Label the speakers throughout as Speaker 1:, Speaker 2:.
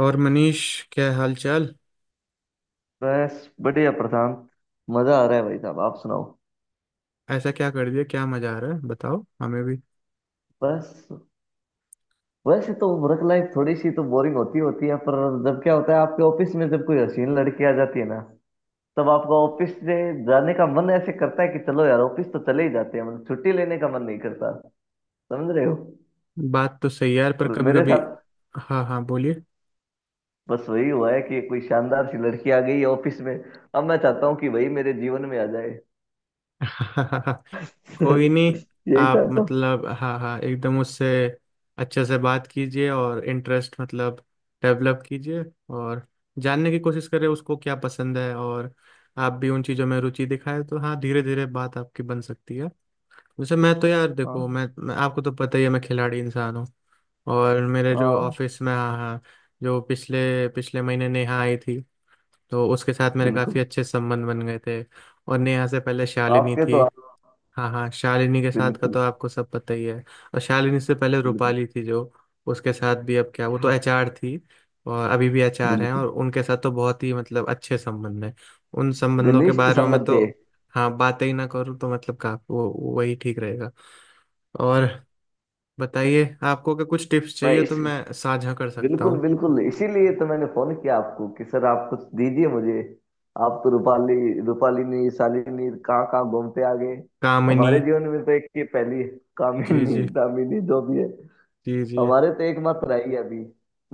Speaker 1: और मनीष, क्या हाल चाल।
Speaker 2: बस बढ़िया प्रशांत। मजा आ रहा है भाई साहब, आप सुनाओ।
Speaker 1: ऐसा क्या कर दिया, क्या मजा आ रहा है बताओ हमें भी।
Speaker 2: बस वैसे तो वर्क लाइफ थोड़ी सी तो बोरिंग होती होती है, पर जब क्या होता है आपके ऑफिस में, जब कोई हसीन लड़की आ जाती है ना, तब आपका ऑफिस से जाने का मन ऐसे करता है कि चलो यार, ऑफिस तो चले ही जाते हैं, मतलब छुट्टी लेने का मन नहीं करता। समझ रहे हो।
Speaker 1: बात तो सही है यार, पर
Speaker 2: और
Speaker 1: कभी
Speaker 2: मेरे
Speaker 1: कभी।
Speaker 2: साथ
Speaker 1: हाँ हाँ, बोलिए।
Speaker 2: बस वही हुआ है कि कोई शानदार सी लड़की आ गई है ऑफिस में। अब मैं चाहता हूँ कि वही मेरे जीवन में आ जाए।
Speaker 1: कोई नहीं।
Speaker 2: यही
Speaker 1: आप
Speaker 2: चाहता हूँ।
Speaker 1: मतलब हाँ हाँ, एकदम उससे अच्छे से बात कीजिए और इंटरेस्ट मतलब डेवलप कीजिए। और जानने की कोशिश करें उसको क्या पसंद है, और आप भी उन चीज़ों में रुचि दिखाएं तो हाँ, धीरे धीरे बात आपकी बन सकती है। जैसे मैं तो यार देखो,
Speaker 2: हाँ
Speaker 1: मैं आपको तो पता ही है, मैं खिलाड़ी इंसान हूँ। और मेरे जो
Speaker 2: हाँ।
Speaker 1: ऑफिस में, हाँ हाँ, जो पिछले पिछले महीने नेहा आई थी तो उसके साथ मेरे
Speaker 2: बिल्कुल।
Speaker 1: काफ़ी अच्छे संबंध बन गए थे। और नेहा से पहले शालिनी
Speaker 2: आपके तो
Speaker 1: थी।
Speaker 2: आप।
Speaker 1: हाँ हाँ, शालिनी के साथ का
Speaker 2: बिल्कुल।
Speaker 1: तो आपको सब पता ही है। और शालिनी से पहले
Speaker 2: बिल्कुल।
Speaker 1: रूपाली थी, जो उसके साथ भी अब क्या, वो तो
Speaker 2: क्या।
Speaker 1: एचआर थी। और अभी भी एचआर हैं
Speaker 2: बिल्कुल।
Speaker 1: और उनके साथ तो बहुत ही मतलब अच्छे संबंध हैं। उन संबंधों के
Speaker 2: घनिष्ठ
Speaker 1: बारे में
Speaker 2: संबंध
Speaker 1: तो
Speaker 2: थे।
Speaker 1: हाँ, बातें ही ना करूँ तो मतलब का वो वही ठीक रहेगा। और बताइए, आपको अगर कुछ टिप्स
Speaker 2: मैं
Speaker 1: चाहिए तो
Speaker 2: इस,
Speaker 1: मैं साझा कर सकता
Speaker 2: बिल्कुल
Speaker 1: हूँ।
Speaker 2: बिल्कुल, इसीलिए तो मैंने फोन किया आपको कि सर आप कुछ दीजिए मुझे। आप तो रूपाली, रूपालिनी, शालिनी कहाँ कहाँ घूमते आ गए।
Speaker 1: कामिनी।
Speaker 2: हमारे जीवन में तो एक ही पहली है,
Speaker 1: जी
Speaker 2: कामिनी,
Speaker 1: जी।
Speaker 2: दामिनी, जो भी है।
Speaker 1: जी जी।
Speaker 2: हमारे तो एकमात्र आई है अभी।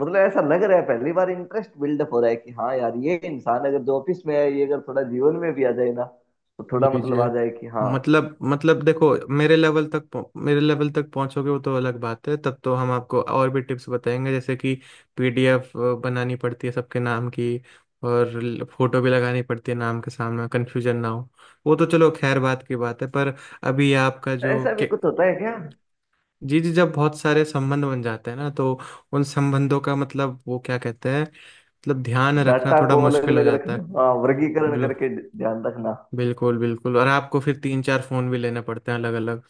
Speaker 2: मतलब ऐसा लग रहा है पहली बार इंटरेस्ट बिल्डअप हो रहा है कि हाँ यार, ये इंसान अगर जो ऑफिस में है, ये अगर थोड़ा जीवन में भी आ जाए ना तो थोड़ा,
Speaker 1: जी जी।
Speaker 2: मतलब आ जाए कि हाँ।
Speaker 1: मतलब देखो, मेरे लेवल तक पहुंचोगे वो तो अलग बात है, तब तो हम आपको और भी टिप्स बताएंगे, जैसे कि पीडीएफ बनानी पड़ती है सबके नाम की, और फोटो भी लगानी पड़ती है नाम के सामने कन्फ्यूजन ना हो। वो तो चलो खैर बात की बात है, पर अभी आपका जो
Speaker 2: ऐसा भी
Speaker 1: के-।
Speaker 2: कुछ होता है क्या?
Speaker 1: जी जी, जब बहुत सारे संबंध बन जाते हैं ना तो उन संबंधों का मतलब वो क्या कहते हैं, मतलब ध्यान रखना
Speaker 2: डाटा
Speaker 1: थोड़ा
Speaker 2: को अलग
Speaker 1: मुश्किल हो
Speaker 2: अलग
Speaker 1: जाता
Speaker 2: रखना,
Speaker 1: है।
Speaker 2: हाँ, वर्गीकरण करके ध्यान रखना।
Speaker 1: बिल्कुल बिल्कुल, और आपको फिर तीन चार फ़ोन भी लेने पड़ते हैं अलग अलग।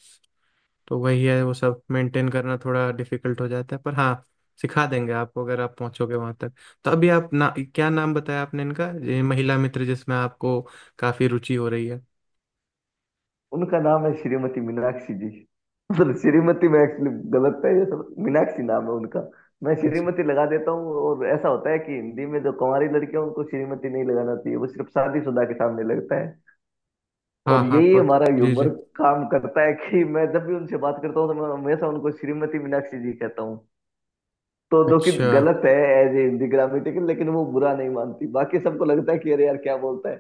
Speaker 1: तो वही है, वो सब मेंटेन करना थोड़ा डिफिकल्ट हो जाता है, पर हाँ सिखा देंगे आपको अगर आप पहुंचोगे वहां तक। तो अभी आप ना, क्या नाम बताया आपने इनका, ये महिला मित्र जिसमें आपको काफ़ी रुचि हो रही है।
Speaker 2: उनका नाम है श्रीमती मीनाक्षी जी। मतलब श्रीमती में एक्चुअली गलत है, ये सब, मीनाक्षी नाम है उनका। मैं
Speaker 1: अच्छा।
Speaker 2: श्रीमती लगा देता हूँ। और ऐसा होता है कि हिंदी में जो कुंवारी लड़कियां, उनको श्रीमती नहीं लगाना चाहिए, वो सिर्फ शादीशुदा के सामने लगता है। और
Speaker 1: हाँ हाँ
Speaker 2: यही
Speaker 1: प,
Speaker 2: हमारा
Speaker 1: जी
Speaker 2: ह्यूमर
Speaker 1: जी।
Speaker 2: काम करता है कि मैं जब भी उनसे बात करता हूँ तो मैं हमेशा उनको श्रीमती मीनाक्षी जी कहता हूँ। तो जो कि
Speaker 1: अच्छा
Speaker 2: गलत है एज ए हिंदी ग्रामेटिकल, लेकिन वो बुरा नहीं मानती। बाकी सबको लगता है कि अरे यार क्या बोलता है।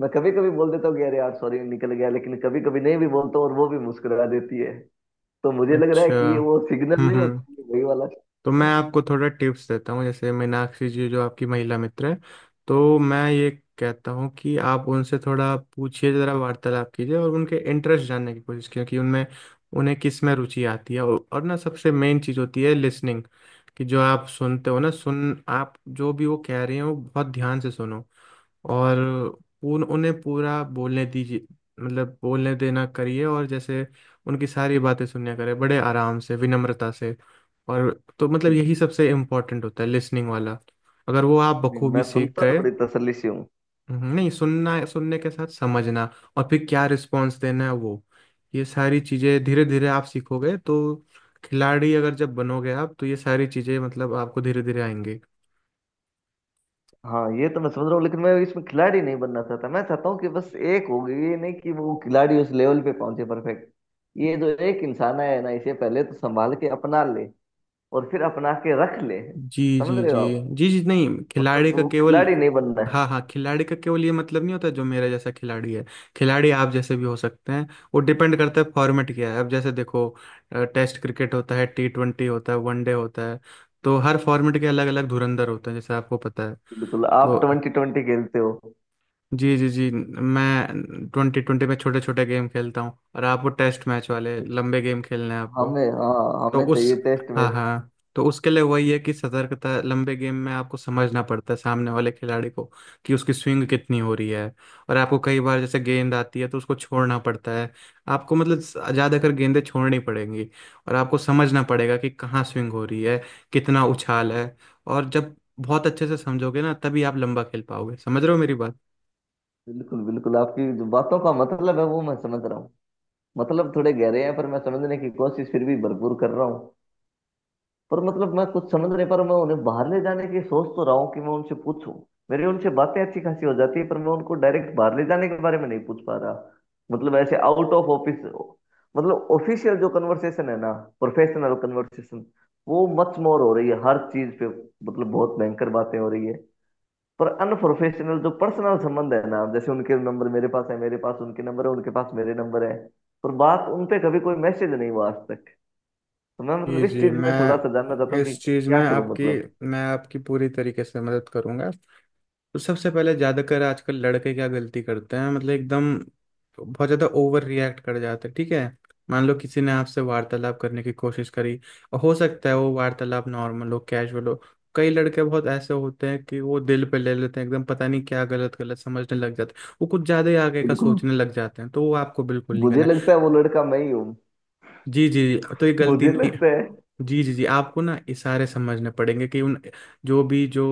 Speaker 2: मैं कभी कभी बोल देता हूँ कि अरे यार सॉरी निकल गया, लेकिन कभी कभी नहीं भी बोलता हूँ और वो भी मुस्कुरा देती है। तो मुझे लग रहा है
Speaker 1: अच्छा।
Speaker 2: कि ये वो सिग्नल
Speaker 1: हम्म
Speaker 2: नहीं होता,
Speaker 1: हम्म
Speaker 2: ये वही वाला
Speaker 1: तो
Speaker 2: signal
Speaker 1: मैं
Speaker 2: है।
Speaker 1: आपको थोड़ा टिप्स देता हूँ, जैसे मीनाक्षी जी जो आपकी महिला मित्र है, तो मैं ये कहता हूँ कि आप उनसे थोड़ा पूछिए ज़रा, वार्तालाप कीजिए और उनके इंटरेस्ट जानने की कोशिश कीजिए कि उनमें उन्हें किस में रुचि आती है। और ना सबसे मेन चीज़ होती है लिसनिंग, कि जो आप सुनते हो ना, सुन आप जो भी वो कह रहे हो बहुत ध्यान से सुनो। और उन उन्हें पूरा बोलने दीजिए, मतलब बोलने देना करिए, और जैसे उनकी सारी बातें सुनने करें बड़े आराम से विनम्रता से। और तो मतलब यही सबसे इम्पोर्टेंट होता है लिसनिंग वाला, अगर वो आप
Speaker 2: नहीं, मैं
Speaker 1: बखूबी सीख
Speaker 2: सुनता तो
Speaker 1: गए।
Speaker 2: बड़ी तसल्ली से हूँ।
Speaker 1: नहीं, सुनना सुनने के साथ समझना, और फिर क्या रिस्पॉन्स देना है वो। ये सारी चीज़ें धीरे धीरे आप सीखोगे तो, खिलाड़ी अगर जब बनोगे आप, तो ये सारी चीज़ें मतलब आपको धीरे धीरे आएंगी।
Speaker 2: हाँ, ये तो मैं समझ रहा हूँ, लेकिन मैं इसमें खिलाड़ी नहीं बनना चाहता। मैं चाहता हूँ कि बस एक हो गई, ये नहीं कि वो खिलाड़ी उस लेवल पे पहुंचे, परफेक्ट। ये जो एक इंसान है ना, इसे पहले तो संभाल के अपना ले और फिर अपना के रख ले।
Speaker 1: जी
Speaker 2: समझ
Speaker 1: जी।
Speaker 2: रहे
Speaker 1: जी
Speaker 2: हो आप।
Speaker 1: जी। जी नहीं,
Speaker 2: मतलब
Speaker 1: खिलाड़ी का
Speaker 2: वो
Speaker 1: केवल,
Speaker 2: खिलाड़ी नहीं बनना है।
Speaker 1: हाँ हाँ, खिलाड़ी का केवल ये मतलब नहीं होता जो मेरा जैसा खिलाड़ी है। खिलाड़ी आप जैसे भी हो सकते हैं। वो डिपेंड करता है फॉर्मेट क्या है। अब जैसे देखो, टेस्ट क्रिकेट होता है, टी ट्वेंटी होता है, वनडे होता है। तो हर फॉर्मेट के अलग अलग धुरंधर होते हैं, जैसे आपको पता है।
Speaker 2: बिल्कुल, आप
Speaker 1: तो
Speaker 2: ट्वेंटी ट्वेंटी खेलते हो।
Speaker 1: जी जी। जी मैं ट्वेंटी ट्वेंटी में छोटे छोटे गेम खेलता हूँ, और आपको टेस्ट मैच वाले लंबे गेम खेलने हैं आपको।
Speaker 2: हमें, हाँ,
Speaker 1: तो
Speaker 2: हमें चाहिए
Speaker 1: उस
Speaker 2: टेस्ट
Speaker 1: हाँ
Speaker 2: मैच।
Speaker 1: हाँ, तो उसके लिए वही है कि सतर्कता, लंबे गेम में आपको समझना पड़ता है सामने वाले खिलाड़ी को कि उसकी स्विंग कितनी हो रही है। और आपको कई बार जैसे गेंद आती है तो उसको छोड़ना पड़ता है, आपको मतलब ज़्यादातर गेंदें छोड़नी पड़ेंगी। और आपको समझना पड़ेगा कि कहाँ स्विंग हो रही है, कितना उछाल है। और जब बहुत अच्छे से समझोगे ना, तभी आप लंबा खेल पाओगे, समझ रहे हो मेरी बात।
Speaker 2: बिल्कुल बिल्कुल, आपकी जो बातों का मतलब है वो मैं समझ रहा हूँ। मतलब थोड़े गहरे हैं, पर मैं समझने की कोशिश फिर भी भरपूर कर रहा हूँ। पर मतलब मैं कुछ समझ नहीं पा रहा हूं। मैं उन्हें बाहर ले जाने की सोच तो रहा हूँ कि मैं उनसे पूछूं। मेरी उनसे बातें अच्छी खासी हो जाती है, पर मैं उनको डायरेक्ट बाहर ले जाने के बारे में नहीं पूछ पा रहा। मतलब ऐसे आउट ऑफ ऑफिस, मतलब ऑफिशियल जो कन्वर्सेशन है ना, प्रोफेशनल कन्वर्सेशन, वो मच मोर हो रही है हर चीज पे। मतलब बहुत भयंकर बातें हो रही है। पर अनप्रोफेशनल जो पर्सनल संबंध है ना, जैसे उनके नंबर मेरे पास है, मेरे पास उनके नंबर है, उनके पास मेरे नंबर है, पर बात, उन पे कभी कोई मैसेज नहीं हुआ आज तक। तो मैं मतलब
Speaker 1: जी
Speaker 2: इस
Speaker 1: जी,
Speaker 2: चीज में थोड़ा सा
Speaker 1: मैं
Speaker 2: जानना चाहता हूँ कि
Speaker 1: इस चीज़
Speaker 2: क्या
Speaker 1: में
Speaker 2: करूं,
Speaker 1: आपकी
Speaker 2: मतलब।
Speaker 1: मैं आपकी पूरी तरीके से मदद करूंगा। तो सबसे पहले ज्यादातर आजकल लड़के क्या गलती करते हैं, मतलब एकदम बहुत ज्यादा ओवर रिएक्ट कर जाते हैं, ठीक है। मान लो किसी ने आपसे वार्तालाप करने की कोशिश करी, और हो सकता है वो वार्तालाप नॉर्मल हो, कैजुअल हो। कई लड़के बहुत ऐसे होते हैं कि वो दिल पे ले लेते हैं एकदम, पता नहीं क्या गलत गलत समझने लग जाते हैं, वो कुछ ज्यादा ही आगे का
Speaker 2: बिल्कुल,
Speaker 1: सोचने लग जाते हैं, तो वो आपको बिल्कुल नहीं
Speaker 2: मुझे
Speaker 1: करना है।
Speaker 2: लगता है वो लड़का मैं ही हूँ।
Speaker 1: जी जी, तो ये गलती
Speaker 2: मुझे
Speaker 1: नहीं।
Speaker 2: लगता है।
Speaker 1: जी जी जी, आपको ना इशारे समझने पड़ेंगे कि उन जो भी जो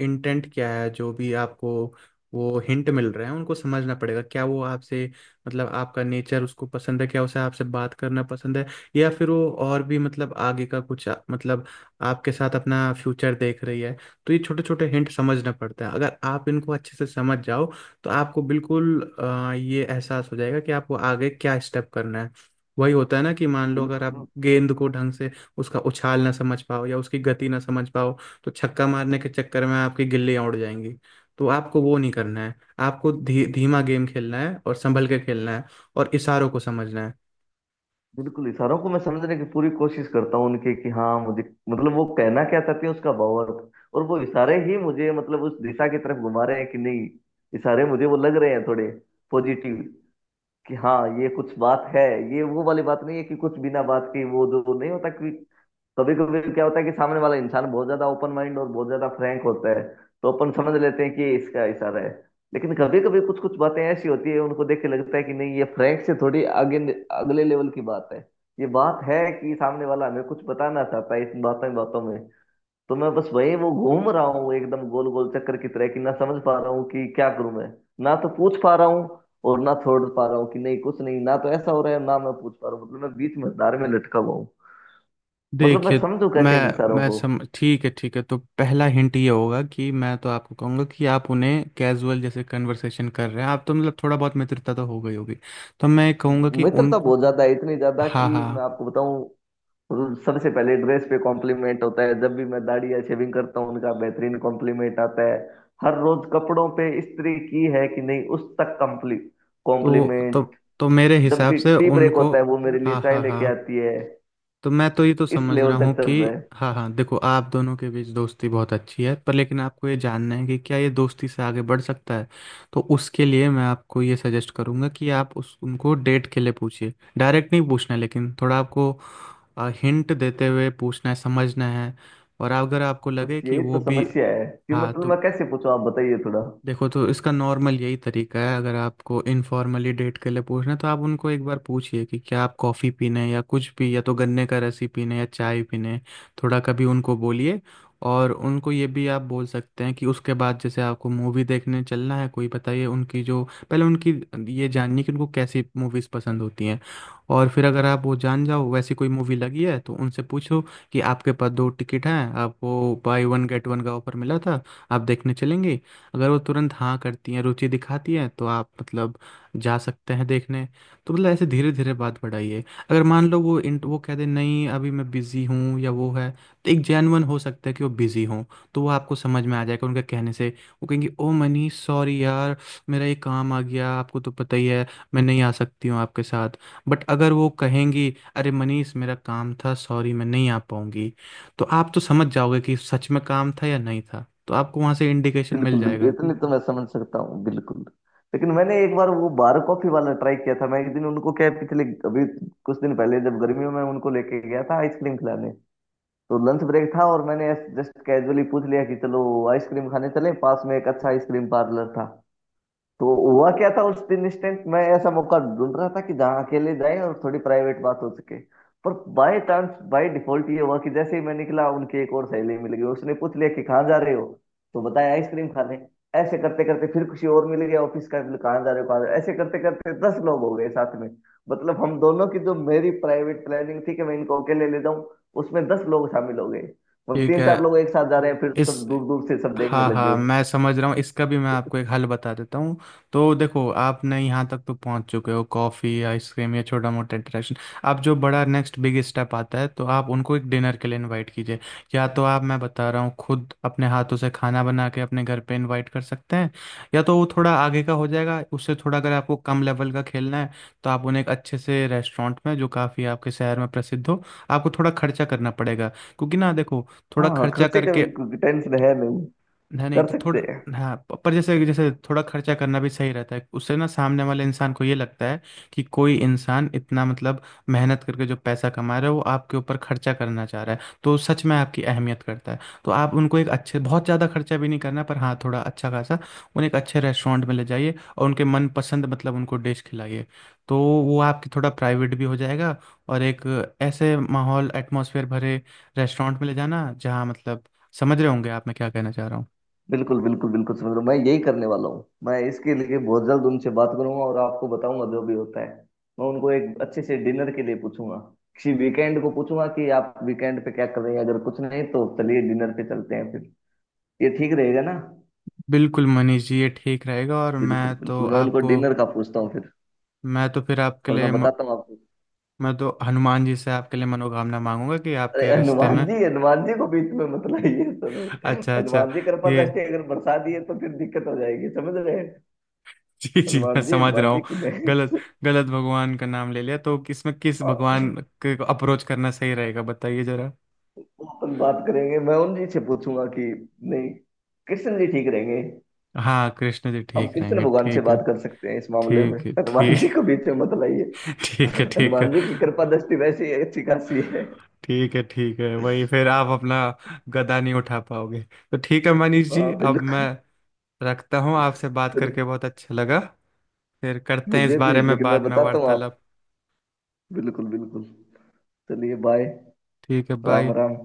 Speaker 1: इंटेंट क्या है, जो भी आपको वो हिंट मिल रहे हैं, उनको समझना पड़ेगा, क्या वो आपसे मतलब आपका नेचर उसको पसंद है, क्या उसे आपसे बात करना पसंद है, या फिर वो और भी मतलब आगे का मतलब आपके साथ अपना फ्यूचर देख रही है। तो ये छोटे छोटे हिंट समझना पड़ता है, अगर आप इनको अच्छे से समझ जाओ तो आपको बिल्कुल ये एहसास हो जाएगा कि आपको आगे क्या स्टेप करना है। वही होता है ना, कि मान लो अगर
Speaker 2: बिल्कुल
Speaker 1: आप गेंद को ढंग से उसका उछाल ना समझ पाओ या उसकी गति ना समझ पाओ, तो छक्का मारने के चक्कर में आपकी गिल्लियां उड़ जाएंगी। तो आपको वो नहीं करना है, आपको धीमा गेम खेलना है और संभल के खेलना है, और इशारों को समझना है।
Speaker 2: बिल्कुल, इशारों को मैं समझने की पूरी कोशिश करता हूँ उनके, कि हाँ मुझे, मतलब वो कहना क्या चाहती है, उसका भावार्थ, और वो इशारे ही मुझे मतलब उस दिशा की तरफ घुमा रहे हैं कि नहीं। इशारे मुझे वो लग रहे हैं थोड़े पॉजिटिव, कि हाँ ये कुछ बात है। ये वो वाली बात नहीं है कि कुछ बिना बात के, वो जो नहीं होता कि, कभी कभी क्या होता है कि सामने वाला इंसान बहुत ज्यादा ओपन माइंड और बहुत ज्यादा फ्रैंक होता है, तो अपन समझ लेते हैं कि ये इसका इशारा है। लेकिन कभी कभी कुछ कुछ बातें ऐसी होती है, उनको देख के लगता है कि नहीं, ये फ्रैंक से थोड़ी आगे अगले लेवल की बात है। ये बात है कि सामने वाला हमें कुछ बताना चाहता है इन बातों बातों में। तो मैं बस वही वो घूम रहा हूँ एकदम गोल गोल चक्कर की तरह कि ना समझ पा रहा हूँ कि क्या करूं मैं। ना तो पूछ पा रहा हूँ और ना छोड़ पा रहा हूँ कि नहीं कुछ नहीं, ना तो ऐसा हो रहा है, ना मैं पूछ पा रहा हूँ, मतलब मैं बीच में धार में लटका हुआ हूँ। मतलब मैं
Speaker 1: देखिए,
Speaker 2: समझू
Speaker 1: मैं
Speaker 2: कैसे इन इशारों
Speaker 1: मैं
Speaker 2: को।
Speaker 1: सम ठीक है ठीक है, तो पहला हिंट ये होगा कि मैं तो आपको कहूंगा कि आप उन्हें कैजुअल जैसे कन्वर्सेशन कर रहे हैं आप, तो मतलब थोड़ा बहुत मित्रता तो हो गई होगी। तो मैं कहूंगा कि उन,
Speaker 2: मित्रता बहुत ज्यादा है, इतनी ज्यादा कि
Speaker 1: हाँ
Speaker 2: मैं
Speaker 1: हाँ,
Speaker 2: आपको बताऊं, सबसे पहले ड्रेस पे कॉम्प्लीमेंट होता है, जब भी मैं दाढ़ी या शेविंग करता हूँ उनका बेहतरीन कॉम्प्लीमेंट आता है। हर रोज कपड़ों पे इस्त्री की है कि नहीं, उस तक कम्प्ली
Speaker 1: तो तो
Speaker 2: कॉम्प्लीमेंट।
Speaker 1: तो मेरे
Speaker 2: जब
Speaker 1: हिसाब
Speaker 2: भी
Speaker 1: से
Speaker 2: टी ब्रेक
Speaker 1: उनको,
Speaker 2: होता है वो मेरे लिए
Speaker 1: हाँ
Speaker 2: चाय
Speaker 1: हाँ
Speaker 2: लेके
Speaker 1: हाँ,
Speaker 2: आती है।
Speaker 1: तो मैं तो ये तो
Speaker 2: इस
Speaker 1: समझ
Speaker 2: लेवल
Speaker 1: रहा
Speaker 2: तक
Speaker 1: हूँ
Speaker 2: चल
Speaker 1: कि
Speaker 2: रहा है।
Speaker 1: हाँ हाँ। देखो, आप दोनों के बीच दोस्ती बहुत अच्छी है, पर लेकिन आपको ये जानना है कि क्या ये दोस्ती से आगे बढ़ सकता है। तो उसके लिए मैं आपको ये सजेस्ट करूँगा कि आप उस उनको डेट के लिए पूछिए, डायरेक्ट नहीं पूछना है, लेकिन थोड़ा आपको हिंट देते हुए पूछना है, समझना है। और अगर आपको
Speaker 2: बस
Speaker 1: लगे कि
Speaker 2: यही तो
Speaker 1: वो भी
Speaker 2: समस्या है कि
Speaker 1: हाँ,
Speaker 2: मतलब मैं
Speaker 1: तो
Speaker 2: कैसे पूछूं, आप बताइए थोड़ा।
Speaker 1: देखो, तो इसका नॉर्मल यही तरीका है, अगर आपको इनफॉर्मली डेट के लिए पूछना है तो आप उनको एक बार पूछिए कि क्या आप कॉफ़ी पीने हैं या कुछ भी, या तो गन्ने का रस ही पीने हैं, या चाय पीने हैं। थोड़ा कभी उनको बोलिए। और उनको ये भी आप बोल सकते हैं कि उसके बाद जैसे आपको मूवी देखने चलना है कोई बताइए, उनकी जो पहले उनकी ये जाननी है कि उनको कैसी मूवीज़ पसंद होती हैं। और फिर अगर आप वो जान जाओ, वैसी कोई मूवी लगी है तो उनसे पूछो कि आपके पास दो टिकट हैं, आप वो बाय वन गेट वन का ऑफर मिला था, आप देखने चलेंगे। अगर वो तुरंत हाँ करती हैं, रुचि दिखाती हैं, तो आप मतलब जा सकते हैं देखने। तो मतलब ऐसे धीरे धीरे बात बढ़ाइए। अगर मान लो वो वो कह दे नहीं अभी मैं बिज़ी हूँ, या वो है, तो एक जेन्युइन हो सकता है कि वो बिज़ी हों। तो वो आपको समझ में आ जाएगा उनके कहने से, वो कहेंगे ओ मनीष सॉरी यार, मेरा ये काम आ गया, आपको तो पता ही है, मैं नहीं आ सकती हूँ आपके साथ। बट अगर वो कहेंगी अरे मनीष मेरा काम था सॉरी मैं नहीं आ पाऊंगी, तो आप तो समझ जाओगे कि सच में काम था या नहीं था, तो आपको वहां से इंडिकेशन मिल
Speaker 2: बिल्कुल बिल्कुल,
Speaker 1: जाएगा।
Speaker 2: इतने तो मैं समझ सकता हूँ, बिल्कुल। लेकिन मैंने एक बार वो बार कॉफी वाला ट्राई किया था। मैं एक दिन उनको क्या है, पिछले, अभी कुछ दिन पहले जब गर्मियों में उनको लेके गया था आइसक्रीम खिलाने, तो लंच ब्रेक था और मैंने जस्ट कैजुअली पूछ लिया कि चलो आइसक्रीम खाने चले, पास में एक अच्छा आइसक्रीम पार्लर था। तो हुआ क्या था उस दिन, इंस्टेंट मैं ऐसा मौका ढूंढ रहा था कि जहाँ अकेले जाए और थोड़ी प्राइवेट बात हो सके, पर बाय चांस बाय डिफॉल्ट ये हुआ कि जैसे ही मैं निकला, उनकी एक और सहेली मिल गई, उसने पूछ लिया कि कहाँ जा रहे हो, तो बताया आइसक्रीम खाने। ऐसे करते करते फिर किसी और मिल गया ऑफिस का, बोले, "कहाँ जा रहे हो, कहाँ जा रहे हो?" ऐसे करते करते दस लोग हो गए साथ में। मतलब हम दोनों की, जो मेरी प्राइवेट प्लानिंग थी कि मैं इनको अकेले ले जाऊं, उसमें दस लोग शामिल हो गए। और
Speaker 1: ठीक
Speaker 2: तीन
Speaker 1: है,
Speaker 2: चार लोग एक साथ जा रहे हैं, फिर सब
Speaker 1: इस
Speaker 2: दूर दूर से सब देखने
Speaker 1: हाँ
Speaker 2: लग
Speaker 1: हाँ
Speaker 2: गए।
Speaker 1: मैं समझ रहा हूँ, इसका भी मैं
Speaker 2: तो
Speaker 1: आपको एक हल बता देता हूँ। तो देखो, आपने यहाँ तक तो पहुँच चुके हो, कॉफ़ी आइसक्रीम या छोटा मोटा इंटरेक्शन। आप जो बड़ा नेक्स्ट बिग स्टेप आता है, तो आप उनको एक डिनर के लिए इनवाइट कीजिए। या तो आप, मैं बता रहा हूँ, खुद अपने हाथों से खाना बना के अपने घर पे इनवाइट कर सकते हैं, या तो वो थोड़ा आगे का हो जाएगा उससे। थोड़ा अगर आपको कम लेवल का खेलना है तो आप उन्हें एक अच्छे से रेस्टोरेंट में, जो काफ़ी आपके शहर में प्रसिद्ध हो। आपको थोड़ा खर्चा करना पड़ेगा, क्योंकि ना देखो,
Speaker 2: हाँ
Speaker 1: थोड़ा
Speaker 2: हाँ,
Speaker 1: खर्चा
Speaker 2: खर्चे का
Speaker 1: करके,
Speaker 2: टेंशन है नहीं,
Speaker 1: नहीं नहीं
Speaker 2: कर
Speaker 1: तो
Speaker 2: सकते
Speaker 1: थोड़ा,
Speaker 2: हैं।
Speaker 1: हाँ पर जैसे जैसे थोड़ा खर्चा करना भी सही रहता है। उससे ना सामने वाले इंसान को ये लगता है कि कोई इंसान इतना मतलब मेहनत करके जो पैसा कमा रहा है वो आपके ऊपर खर्चा करना चाह रहा है, तो सच में आपकी अहमियत करता है। तो आप उनको एक अच्छे, बहुत ज़्यादा खर्चा भी नहीं करना, पर हाँ थोड़ा अच्छा खासा, उन्हें एक अच्छे रेस्टोरेंट में ले जाइए और उनके मनपसंद, मतलब उनको डिश खिलाइए। तो वो आपकी थोड़ा प्राइवेट भी हो जाएगा। और एक ऐसे माहौल, एटमॉस्फेयर भरे रेस्टोरेंट में ले जाना जहाँ मतलब, समझ रहे होंगे आप मैं क्या कहना चाह रहा हूँ।
Speaker 2: बिल्कुल बिल्कुल बिल्कुल समझ रहा हूँ, मैं यही करने वाला हूँ। मैं इसके लिए बहुत जल्द उनसे बात करूंगा और आपको बताऊंगा जो भी होता है। मैं उनको एक अच्छे से डिनर के लिए पूछूंगा, किसी वीकेंड को पूछूंगा कि आप वीकेंड पे क्या कर रहे हैं, अगर कुछ नहीं तो चलिए डिनर पे चलते हैं फिर। ये ठीक रहेगा ना?
Speaker 1: बिल्कुल मनीष जी ये ठीक रहेगा, और
Speaker 2: बिल्कुल
Speaker 1: मैं तो
Speaker 2: बिल्कुल, मैं उनको
Speaker 1: आपको,
Speaker 2: डिनर का पूछता हूँ फिर,
Speaker 1: मैं तो फिर आपके
Speaker 2: और मैं
Speaker 1: लिए म-
Speaker 2: बताता हूँ आपको।
Speaker 1: मैं तो हनुमान जी से आपके लिए मनोकामना मांगूंगा कि
Speaker 2: अरे
Speaker 1: आपके रिश्ते
Speaker 2: हनुमान
Speaker 1: में।
Speaker 2: जी, हनुमान जी को बीच में मत लाइए सर।
Speaker 1: अच्छा अच्छा,
Speaker 2: हनुमान जी कृपा
Speaker 1: ये,
Speaker 2: दृष्टि अगर बरसा दिए तो फिर दिक्कत हो जाएगी, समझ रहे हैं।
Speaker 1: जी जी मैं
Speaker 2: हनुमान जी,
Speaker 1: समझ रहा
Speaker 2: हनुमान जी
Speaker 1: हूँ।
Speaker 2: की नहीं।
Speaker 1: गलत गलत भगवान का नाम ले लिया, तो इसमें किस भगवान
Speaker 2: वो,
Speaker 1: के अप्रोच करना सही रहेगा बताइए जरा।
Speaker 2: अपन बात करेंगे, मैं उन जी से पूछूंगा कि, नहीं, कृष्ण जी ठीक रहेंगे।
Speaker 1: हाँ, कृष्ण जी
Speaker 2: हम
Speaker 1: ठीक
Speaker 2: कृष्ण
Speaker 1: रहेंगे,
Speaker 2: भगवान से
Speaker 1: ठीक है।
Speaker 2: बात कर सकते हैं इस मामले में,
Speaker 1: ठीक है
Speaker 2: हनुमान
Speaker 1: ठीक।
Speaker 2: जी को बीच में मत
Speaker 1: ठीक है
Speaker 2: लाइए,
Speaker 1: ठीक है।
Speaker 2: हनुमान जी की कृपा दृष्टि वैसी अच्छी खासी है।
Speaker 1: ठीक है ठीक है, वही फिर आप अपना गदा नहीं उठा पाओगे। तो ठीक है मनीष
Speaker 2: हाँ
Speaker 1: जी, अब मैं
Speaker 2: बिल्कुल।
Speaker 1: रखता हूँ, आपसे बात
Speaker 2: चलिए,
Speaker 1: करके बहुत अच्छा लगा। फिर करते हैं इस
Speaker 2: मुझे भी,
Speaker 1: बारे में
Speaker 2: लेकिन मैं
Speaker 1: बाद में
Speaker 2: बताता हूँ आप।
Speaker 1: वार्तालाप।
Speaker 2: बिल्कुल बिल्कुल। चलिए बाय।
Speaker 1: ठीक है, बाय।
Speaker 2: राम राम।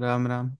Speaker 1: राम राम।